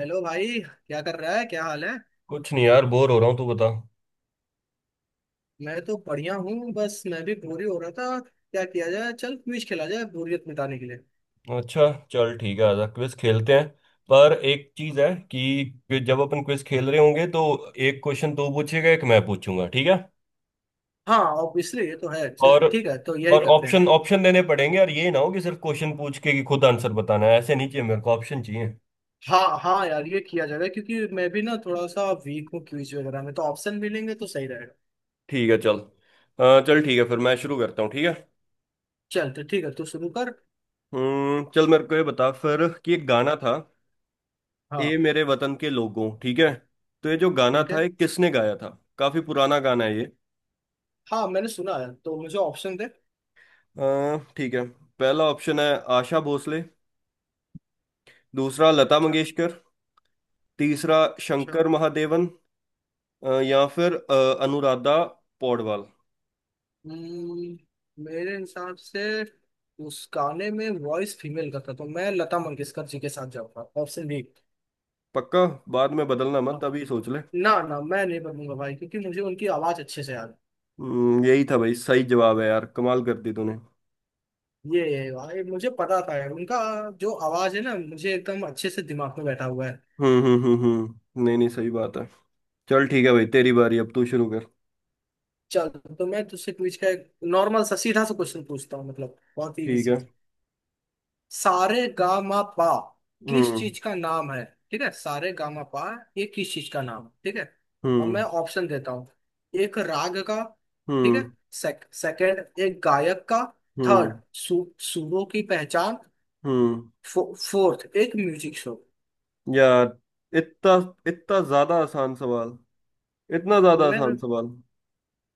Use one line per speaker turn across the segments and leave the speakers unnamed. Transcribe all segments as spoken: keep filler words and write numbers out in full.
Hello भाई, क्या कर रहा है? क्या हाल है?
कुछ नहीं यार, बोर हो रहा हूँ। तू बता।
मैं तो बढ़िया हूँ। बस मैं भी बोरी हो रहा था, क्या किया जाए। चल, क्विज खेला जाए बोरियत मिटाने के लिए।
अच्छा चल ठीक है, आजा क्विज खेलते हैं। पर एक चीज है कि कि जब अपन क्विज खेल रहे होंगे तो एक क्वेश्चन तू पूछेगा, एक मैं पूछूंगा, ठीक है।
हाँ ऑब्वियसली, ये तो है। चल
और
ठीक है, तो यही
और
करते हैं।
ऑप्शन ऑप्शन देने पड़ेंगे, और ये ना हो कि सिर्फ क्वेश्चन पूछ के कि खुद आंसर बताना है, ऐसे नहीं चाहिए, मेरे को ऑप्शन चाहिए।
हाँ हाँ यार, ये किया जाएगा। क्योंकि मैं भी ना थोड़ा सा वीक हूँ क्विज वगैरह में, तो ऑप्शन मिलेंगे तो सही रहेगा।
ठीक है चल, अ, चल ठीक है, फिर मैं शुरू करता हूँ, ठीक है।
चल तो ठीक है, तू शुरू कर।
हम्म चल, मेरे को ये बता फिर कि एक गाना था, ए
हाँ।
मेरे वतन के लोगों, ठीक है। तो ये जो गाना
ठीक है।
था ये किसने गाया था? काफी पुराना गाना है ये।
हाँ मैंने सुना है, तो मुझे ऑप्शन दे।
अ, ठीक है। पहला ऑप्शन है आशा भोसले। दूसरा लता
अच्छा।
मंगेशकर। तीसरा
अच्छा।
शंकर महादेवन। अ, या फिर अ, अनुराधा पौडवाल।
हम्म, मेरे हिसाब से उस गाने में वॉइस फीमेल का था, तो मैं लता मंगेशकर जी के साथ जाऊंगा। Option B.
पक्का? बाद में बदलना
हाँ।
मत, अभी सोच ले।
ना ना मैं नहीं बनूंगा भाई, क्योंकि मुझे उनकी आवाज अच्छे से याद
हम्म, यही था भाई, सही जवाब है यार, कमाल कर दी तूने।
है। ये है भाई, मुझे पता था यार उनका जो आवाज है ना, मुझे एकदम अच्छे से दिमाग में बैठा हुआ है।
हम्म, हम्म, हम्म, हम्म, नहीं नहीं, सही बात है। चल ठीक है भाई, तेरी बारी, अब तू शुरू कर,
चल। तो मैं तुझसे पूछ का एक नॉर्मल सा सीधा सा क्वेश्चन पूछता हूँ, मतलब बहुत ही
ठीक है।
इजी। सारे गामा पा किस
हम्म।
चीज का नाम है? ठीक है, सारे गामा पा ये किस चीज का नाम है? ठीक है, अब मैं
हम्म।
ऑप्शन देता हूँ। एक राग का। ठीक है।
हम्म।
सेक, सेकंड, एक गायक का। थर्ड,
हम्म।
सु, सुरों की पहचान।
हम्म।
फो, फोर्थ, एक म्यूजिक शो।
यार, इतना इतना ज्यादा आसान सवाल, इतना
तो
ज्यादा
मैं
आसान सवाल।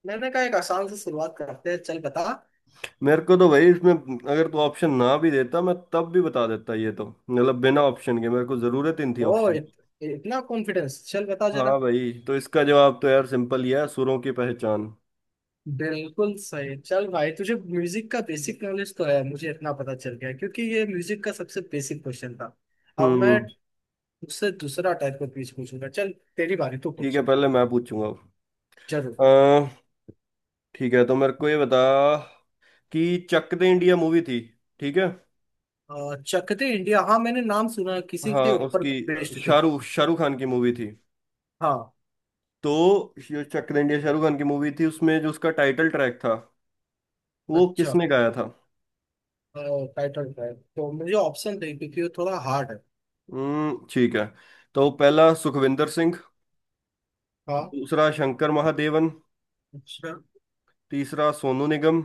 मैंने कहा एक आसान से शुरुआत करते हैं। चल बता।
मेरे को तो भाई इसमें, अगर तू ऑप्शन ना भी देता, मैं तब भी बता देता। ये तो मतलब बिना ऑप्शन के मेरे को जरूरत ही नहीं थी
ओ
ऑप्शन
इत,
की।
इतना कॉन्फिडेंस! चल बता जरा।
हाँ भाई, तो इसका जवाब तो यार सिंपल ही है, सुरों की पहचान।
बिल्कुल सही। चल भाई, तुझे म्यूजिक का बेसिक नॉलेज तो है, मुझे इतना पता चल गया। क्योंकि ये म्यूजिक का सबसे बेसिक क्वेश्चन था। अब मैं
हम्म
उससे दूसरा टाइप का क्वेश्चन पूछूंगा। चल, तेरी बारी, तू
ठीक
पूछ।
है, पहले मैं पूछूंगा।
जरूर।
अह ठीक है, तो मेरे को ये बता कि चक दे इंडिया मूवी थी, ठीक है।
अ, चक दे इंडिया, हाँ मैंने नाम सुना है, किसी
हाँ,
के ऊपर
उसकी अ,
बेस्ड थे।
शाहरुख शाहरुख खान की मूवी थी।
हाँ।
तो ये चक दे इंडिया शाहरुख खान की मूवी थी, उसमें जो उसका टाइटल ट्रैक था वो
अच्छा,
किसने गाया था?
टाइटल है तो मुझे ऑप्शन दे क्योंकि ये थोड़ा हार्ड है।
हम्म ठीक है, तो पहला सुखविंदर सिंह,
हाँ।
दूसरा शंकर महादेवन,
अच्छा।
तीसरा सोनू निगम,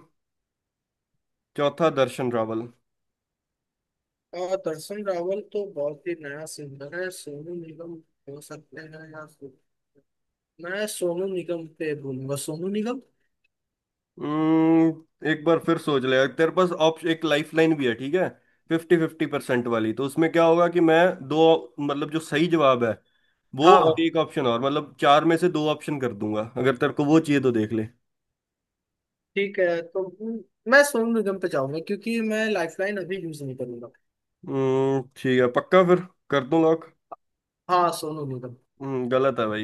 चौथा दर्शन रावल।
अ, दर्शन रावल तो बहुत ही नया सिंगर है। सोनू निगम हो सकते हैं, या मैं सोनू निगम पे बोलूंगा। सोनू निगम।
हम्म एक बार फिर सोच ले, तेरे पास ऑप्शन एक लाइफलाइन भी है, ठीक है। फिफ्टी फिफ्टी परसेंट वाली, तो उसमें क्या होगा कि मैं दो, मतलब जो सही जवाब है वो और
हाँ
एक ऑप्शन और, मतलब चार में से दो ऑप्शन कर दूंगा। अगर तेरे को वो चाहिए तो देख ले।
ठीक है, तो मैं सोनू निगम पे जाऊंगा क्योंकि मैं लाइफलाइन अभी यूज नहीं करूंगा।
हम्म ठीक है, पक्का? फिर कर दूं लॉक?
हाँ, सोनू निगम।
हम्म गलत है भाई।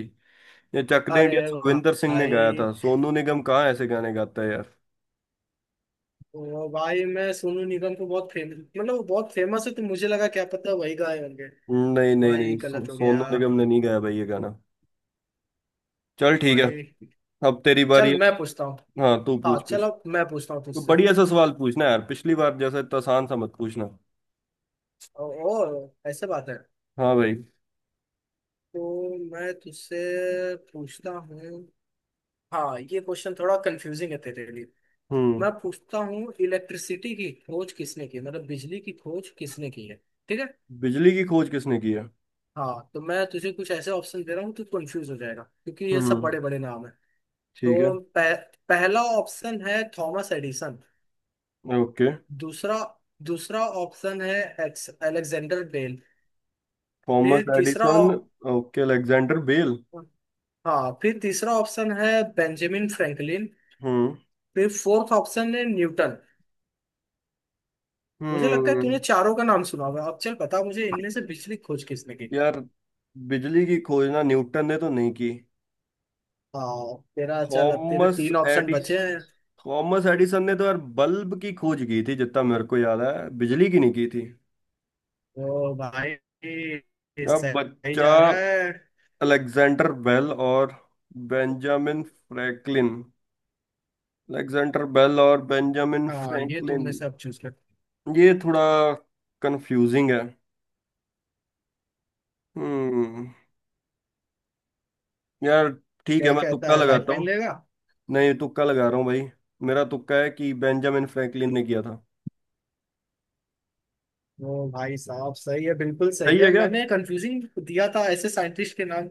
ये चक दे
अरे
इंडिया सुखविंदर सिंह ने गाया
भाई!
था, सोनू निगम कहाँ ऐसे गाने गाता है यार।
ओ भाई, मैं सोनू निगम को बहुत फेमस, मतलब वो बहुत फेमस है, तो मुझे लगा क्या पता वही गाए होंगे।
हम्म, नहीं, नहीं,
भाई
नहीं, सो,
गलत हो गया।
सोनू निगम ने नहीं गाया भाई ये गाना। चल ठीक है,
भाई।
अब तेरी बारी
चल
है।
मैं पूछता हूँ।
हाँ, तू
हाँ,
पूछ कुछ।
चलो मैं पूछता हूँ
तो
तुझसे।
बढ़िया सा सवाल पूछना यार, पिछली बार जैसा इतना आसान सा मत पूछना।
ओ, ओ ऐसे बात है?
हाँ भाई।
तो मैं तुझसे पूछता हूँ, हाँ ये क्वेश्चन थोड़ा कंफ्यूजिंग है तेरे लिए।
हम्म
मैं पूछता हूँ, इलेक्ट्रिसिटी की खोज किसने की, मतलब बिजली की खोज किसने की है? ठीक है।
बिजली की खोज किसने की है?
हाँ, तो मैं तुझे कुछ ऐसे ऑप्शन दे रहा हूँ तू कंफ्यूज हो जाएगा, क्योंकि ये सब
हम्म,
बड़े बड़े नाम है।
ठीक है।
तो पह, पहला ऑप्शन है थॉमस एडिसन।
ओके,
दूसरा दूसरा ऑप्शन है एक्स अलेक्जेंडर बेल।
थॉमस
फिर तीसरा
एडिसन।
ऑ-
ओके, अलेक्जेंडर बेल।
हाँ, फिर तीसरा ऑप्शन है बेंजामिन फ्रैंकलिन।
हम्म,
फिर फोर्थ ऑप्शन है न्यूटन। मुझे लगता है
हम्म।
तूने चारों का नाम सुना होगा। अब चल बता मुझे इनमें से बिजली खोज किसने की।
यार, बिजली की खोज ना न्यूटन ने तो नहीं की।
हाँ तेरा, चल अब तेरे
थॉमस
तीन ऑप्शन
एडिस
बचे हैं।
थॉमस एडिसन ने तो यार बल्ब की खोज की थी, जितना मेरे को याद है, बिजली की नहीं की थी।
तो भाई,
अब
सही
बच्चा
जा रहा है।
अलेक्जेंडर बेल और बेंजामिन फ्रैंकलिन, अलेक्जेंडर बेल और बेंजामिन
हाँ, ये तुम
फ्रैंकलिन।
में से अब चूज कर।
ये थोड़ा कंफ्यूजिंग है। हम्म यार, ठीक है,
क्या
मैं
कहता
तुक्का
है,
लगाता
लाइफलाइन
हूँ।
लेगा?
नहीं, तुक्का लगा रहा हूँ भाई। मेरा तुक्का है कि बेंजामिन फ्रैंकलिन ने किया था।
वो भाई साहब, सही है, बिल्कुल सही
सही है
है।
क्या?
मैंने कंफ्यूजिंग दिया था ऐसे साइंटिस्ट के नाम।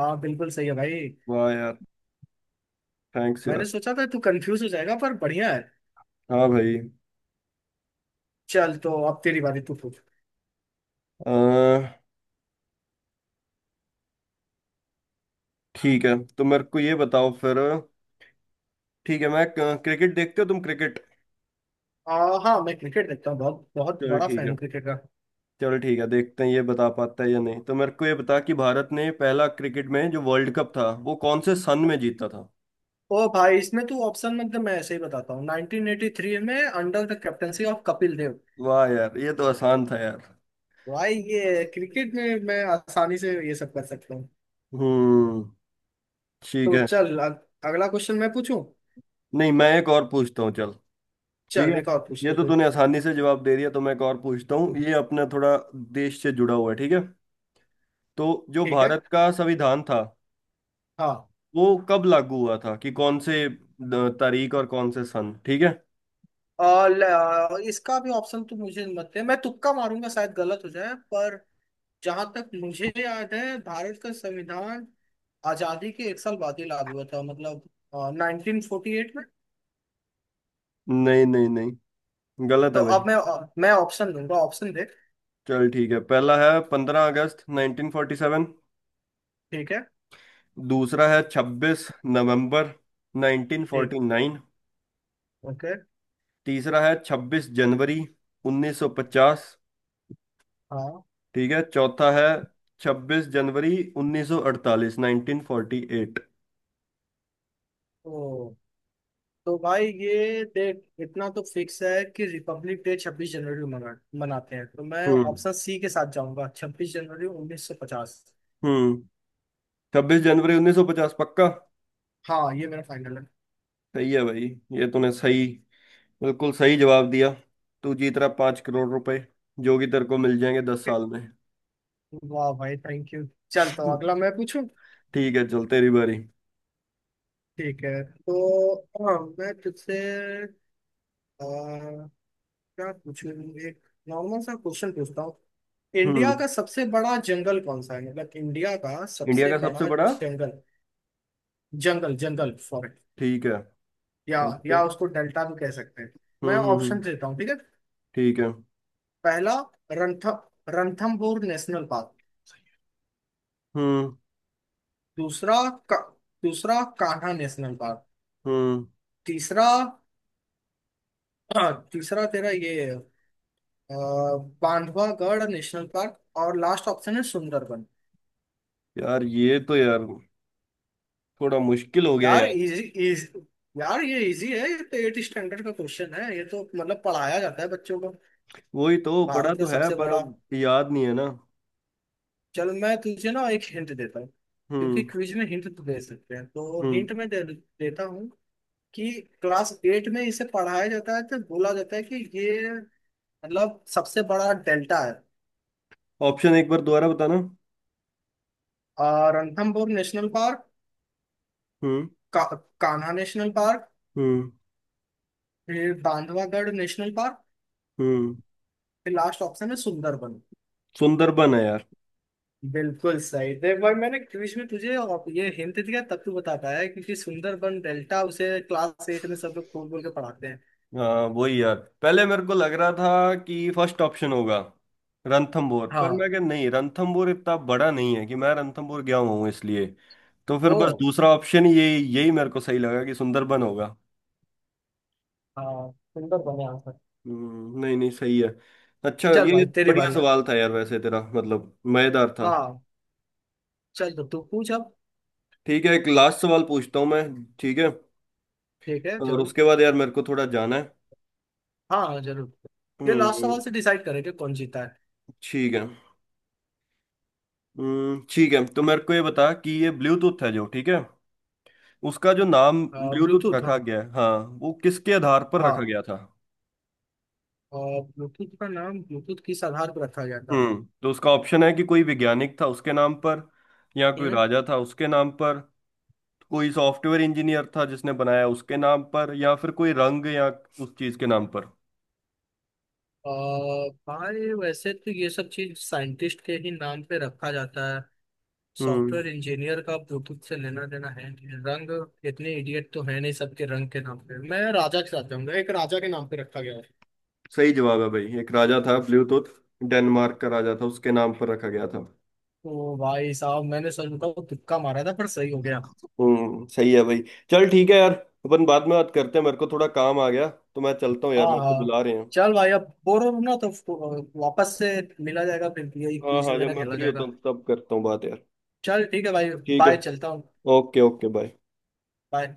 हाँ बिल्कुल सही है भाई।
वाह यार, थैंक्स
मैंने
यार।
सोचा था तू कंफ्यूज हो जाएगा, पर बढ़िया है।
हाँ भाई।
चल तो अब तेरी बारी, तू पूछ।
अह, ठीक है, तो मेरे को ये बताओ फिर। ठीक है, मैं क्रिकेट, देखते हो तुम क्रिकेट?
आ, हाँ, मैं क्रिकेट देखता हूँ, बहुत बहुत
चलो
बड़ा
ठीक
फैन हूँ
है।
क्रिकेट का।
चलो ठीक है, देखते हैं ये बता पाता है या नहीं। तो मेरे को ये बता कि भारत ने पहला क्रिकेट में जो वर्ल्ड कप था वो कौन से सन में जीता था?
ओ भाई, इसमें तू ऑप्शन मत दे, मैं ऐसे ही बताता हूँ। नाइनटीन एटी थ्री में under the captaincy of Kapil Dev.
वाह यार, ये तो आसान था यार।
भाई ये क्रिकेट में मैं आसानी से ये सब कर सकता हूँ।
हम्म, ठीक
तो
है।
चल, अग- अगला क्वेश्चन मैं पूछूं।
नहीं, मैं एक और पूछता हूँ, चल। ठीक है।
चल, एक और पूछ
ये तो
लेते हैं।
तूने आसानी से जवाब दे दिया, तो मैं एक और पूछता हूँ। ये अपना थोड़ा देश से जुड़ा हुआ है, ठीक है। तो जो
ठीक है।
भारत का संविधान था
हाँ।
वो कब लागू हुआ था, कि कौन से अ, तारीख और कौन से सन, ठीक है?
और ल- इसका भी ऑप्शन तो मुझे मत दे, मैं तुक्का मारूंगा, शायद गलत हो जाए। पर जहां तक मुझे याद है भारत का संविधान आजादी के एक साल बाद ही लागू हुआ था, मतलब नाइनटीन फोर्टी एट में।
नहीं, नहीं, नहीं, गलत
तो
है भाई।
अब मैं मैं ऑप्शन दूंगा, ऑप्शन दे।
चल ठीक है, पहला है पंद्रह अगस्त नाइनटीन फोर्टी सेवन।
ठीक है।
दूसरा है छब्बीस नवंबर नाइनटीन
ठीक।
Forty nine
okay.
तीसरा है छब्बीस जनवरी उन्नीस सौ पचास,
हाँ।
ठीक है। चौथा है छब्बीस जनवरी उन्नीस सौ अड़तालीस नाइनटीन फोर्टी एट।
तो तो भाई ये देख, इतना तो फिक्स है कि रिपब्लिक डे छब्बीस जनवरी को मना, मनाते हैं। तो मैं
हम्म,
ऑप्शन सी के साथ जाऊंगा, छब्बीस जनवरी उन्नीस सौ पचास।
हम्म, छब्बीस जनवरी उन्नीस सौ पचास, पक्का?
हाँ, ये मेरा फाइनल है।
सही है भाई, ये तूने सही, बिल्कुल सही जवाब दिया। तू जीत रहा पांच करोड़ रुपए, जो कि तेरे को मिल जाएंगे दस
ठीक।
साल में।
वाह भाई, थैंक यू। चल तो अगला मैं पूछूं।
ठीक है, चल तेरी बारी।
ठीक है तो, हाँ मैं तुझसे अ, क्या पूछूं। एक नॉर्मल सा क्वेश्चन पूछता हूँ। इंडिया
हम्म
का सबसे बड़ा जंगल कौन सा है, मतलब इंडिया का
इंडिया
सबसे
का सबसे
बड़ा
बड़ा।
जंगल, जंगल, जंगल, फॉरेस्ट,
ठीक है।
या
ओके।
या उसको डेल्टा भी कह सकते हैं।
हम्म,
मैं
हम्म, हम्म,
ऑप्शन देता हूँ, ठीक है।
ठीक है।
पहला, रंथ रणथंबोर नेशनल पार्क।
हम्म,
दूसरा, का, दूसरा कान्हा नेशनल पार्क।
हम्म।
तीसरा, अ, तीसरा तेरा ये अ, बांधवागढ़ नेशनल पार्क। और लास्ट ऑप्शन है सुंदरबन।
यार, ये तो यार थोड़ा मुश्किल हो गया
यार
यार।
इजी इज यार ये इजी है। ये तो एट स्टैंडर्ड का क्वेश्चन है, ये तो मतलब पढ़ाया जाता है बच्चों को।
वही तो पढ़ा
भारत का
तो है,
सबसे
पर
बड़ा
अब याद नहीं है ना।
चल मैं तुझे ना एक हिंट देता हूँ, क्योंकि
हम्म,
क्विज में हिंट तो दे सकते हैं। तो
हम्म,
हिंट में दे, देता हूँ कि क्लास एट में इसे पढ़ाया जाता है, तो बोला जाता है कि ये मतलब सबसे बड़ा डेल्टा है।
ऑप्शन एक बार दोबारा बताना।
और रणथंभौर नेशनल पार्क,
हम्म,
का, कान्हा नेशनल पार्क,
हम्म,
फिर बांधवागढ़ नेशनल पार्क,
हम्म,
फिर लास्ट ऑप्शन है सुंदरबन।
सुंदरबन है यार।
बिल्कुल सही। देख भाई, मैंने क्विज में तुझे और ये हिंट दिया तब तू बता पाया, क्योंकि सुंदरबन डेल्टा, उसे क्लास एट में सब लोग खोल बोल के पढ़ाते हैं।
हाँ, वही यार, पहले मेरे को लग रहा था कि फर्स्ट ऑप्शन होगा रणथंभौर, पर
हाँ।
मैं कह, नहीं, रणथंभौर इतना बड़ा नहीं है, कि मैं रणथंभौर गया हुआ हूँ इसलिए। तो फिर
ओ
बस दूसरा ऑप्शन ये, यही मेरे को सही लगा कि सुंदरबन होगा।
हाँ, सुंदर बने आंसर।
हम्म, नहीं, नहीं, सही है। अच्छा,
चल
ये
भाई, तेरी
बढ़िया
बारी।
सवाल था यार वैसे तेरा, मतलब मजेदार था।
हाँ, चल तो तू पूछ अब।
ठीक है, एक लास्ट सवाल पूछता हूँ मैं। ठीक है।
ठीक है,
और
जरूर।
उसके बाद यार, मेरे को थोड़ा जाना है।
हाँ हाँ, जरूर। ये लास्ट
हम्म।
सवाल से डिसाइड करेंगे कौन जीता है।
ठीक है। हम्म, ठीक है, तो मेरे को ये बता कि ये ब्लूटूथ है जो, ठीक है। उसका जो नाम ब्लूटूथ
ब्लूटूथ,
रखा
हम,
गया है, हाँ, वो किसके आधार पर रखा
हाँ,
गया था?
ब्लूटूथ का नाम ब्लूटूथ किस आधार पर रखा गया था?
हम्म तो उसका ऑप्शन है कि कोई वैज्ञानिक था उसके नाम पर, या कोई
हम्म।
राजा था उसके नाम पर, कोई सॉफ्टवेयर इंजीनियर था जिसने बनाया उसके नाम पर, या फिर कोई रंग या उस चीज के नाम पर।
अ, भाई वैसे तो ये सब चीज साइंटिस्ट के ही नाम पे रखा जाता है।
हम्म
सॉफ्टवेयर इंजीनियर का ब्लूटूथ से लेना देना है नहीं। रंग, इतने इडियट तो है नहीं सबके रंग के नाम पे। मैं राजा के साथ जाऊंगा, एक राजा के नाम पे रखा गया।
सही जवाब है भाई, एक राजा था ब्लूटूथ, डेनमार्क का राजा था उसके नाम पर रखा गया था।
ओ भाई साहब, मैंने सच बताओ तुक्का मारा था, पर सही हो गया।
हम्म सही है भाई। चल ठीक है यार, अपन बाद में बात करते हैं, मेरे को थोड़ा काम आ गया, तो मैं चलता हूँ यार,
हाँ
मेरे को
हाँ।
बुला रहे हैं।
चल भाई, अब बोर हो रहा हूं ना, तो फ- वापस से मिला जाएगा, फिर यही
हाँ,
क्विज
हाँ, जब
वगैरह
मैं
खेला
फ्री होता
जाएगा।
हूँ तब करता हूँ बात यार।
चल ठीक है भाई।
ठीक है।
बाय, चलता हूँ।
Okay okay, bye.
बाय।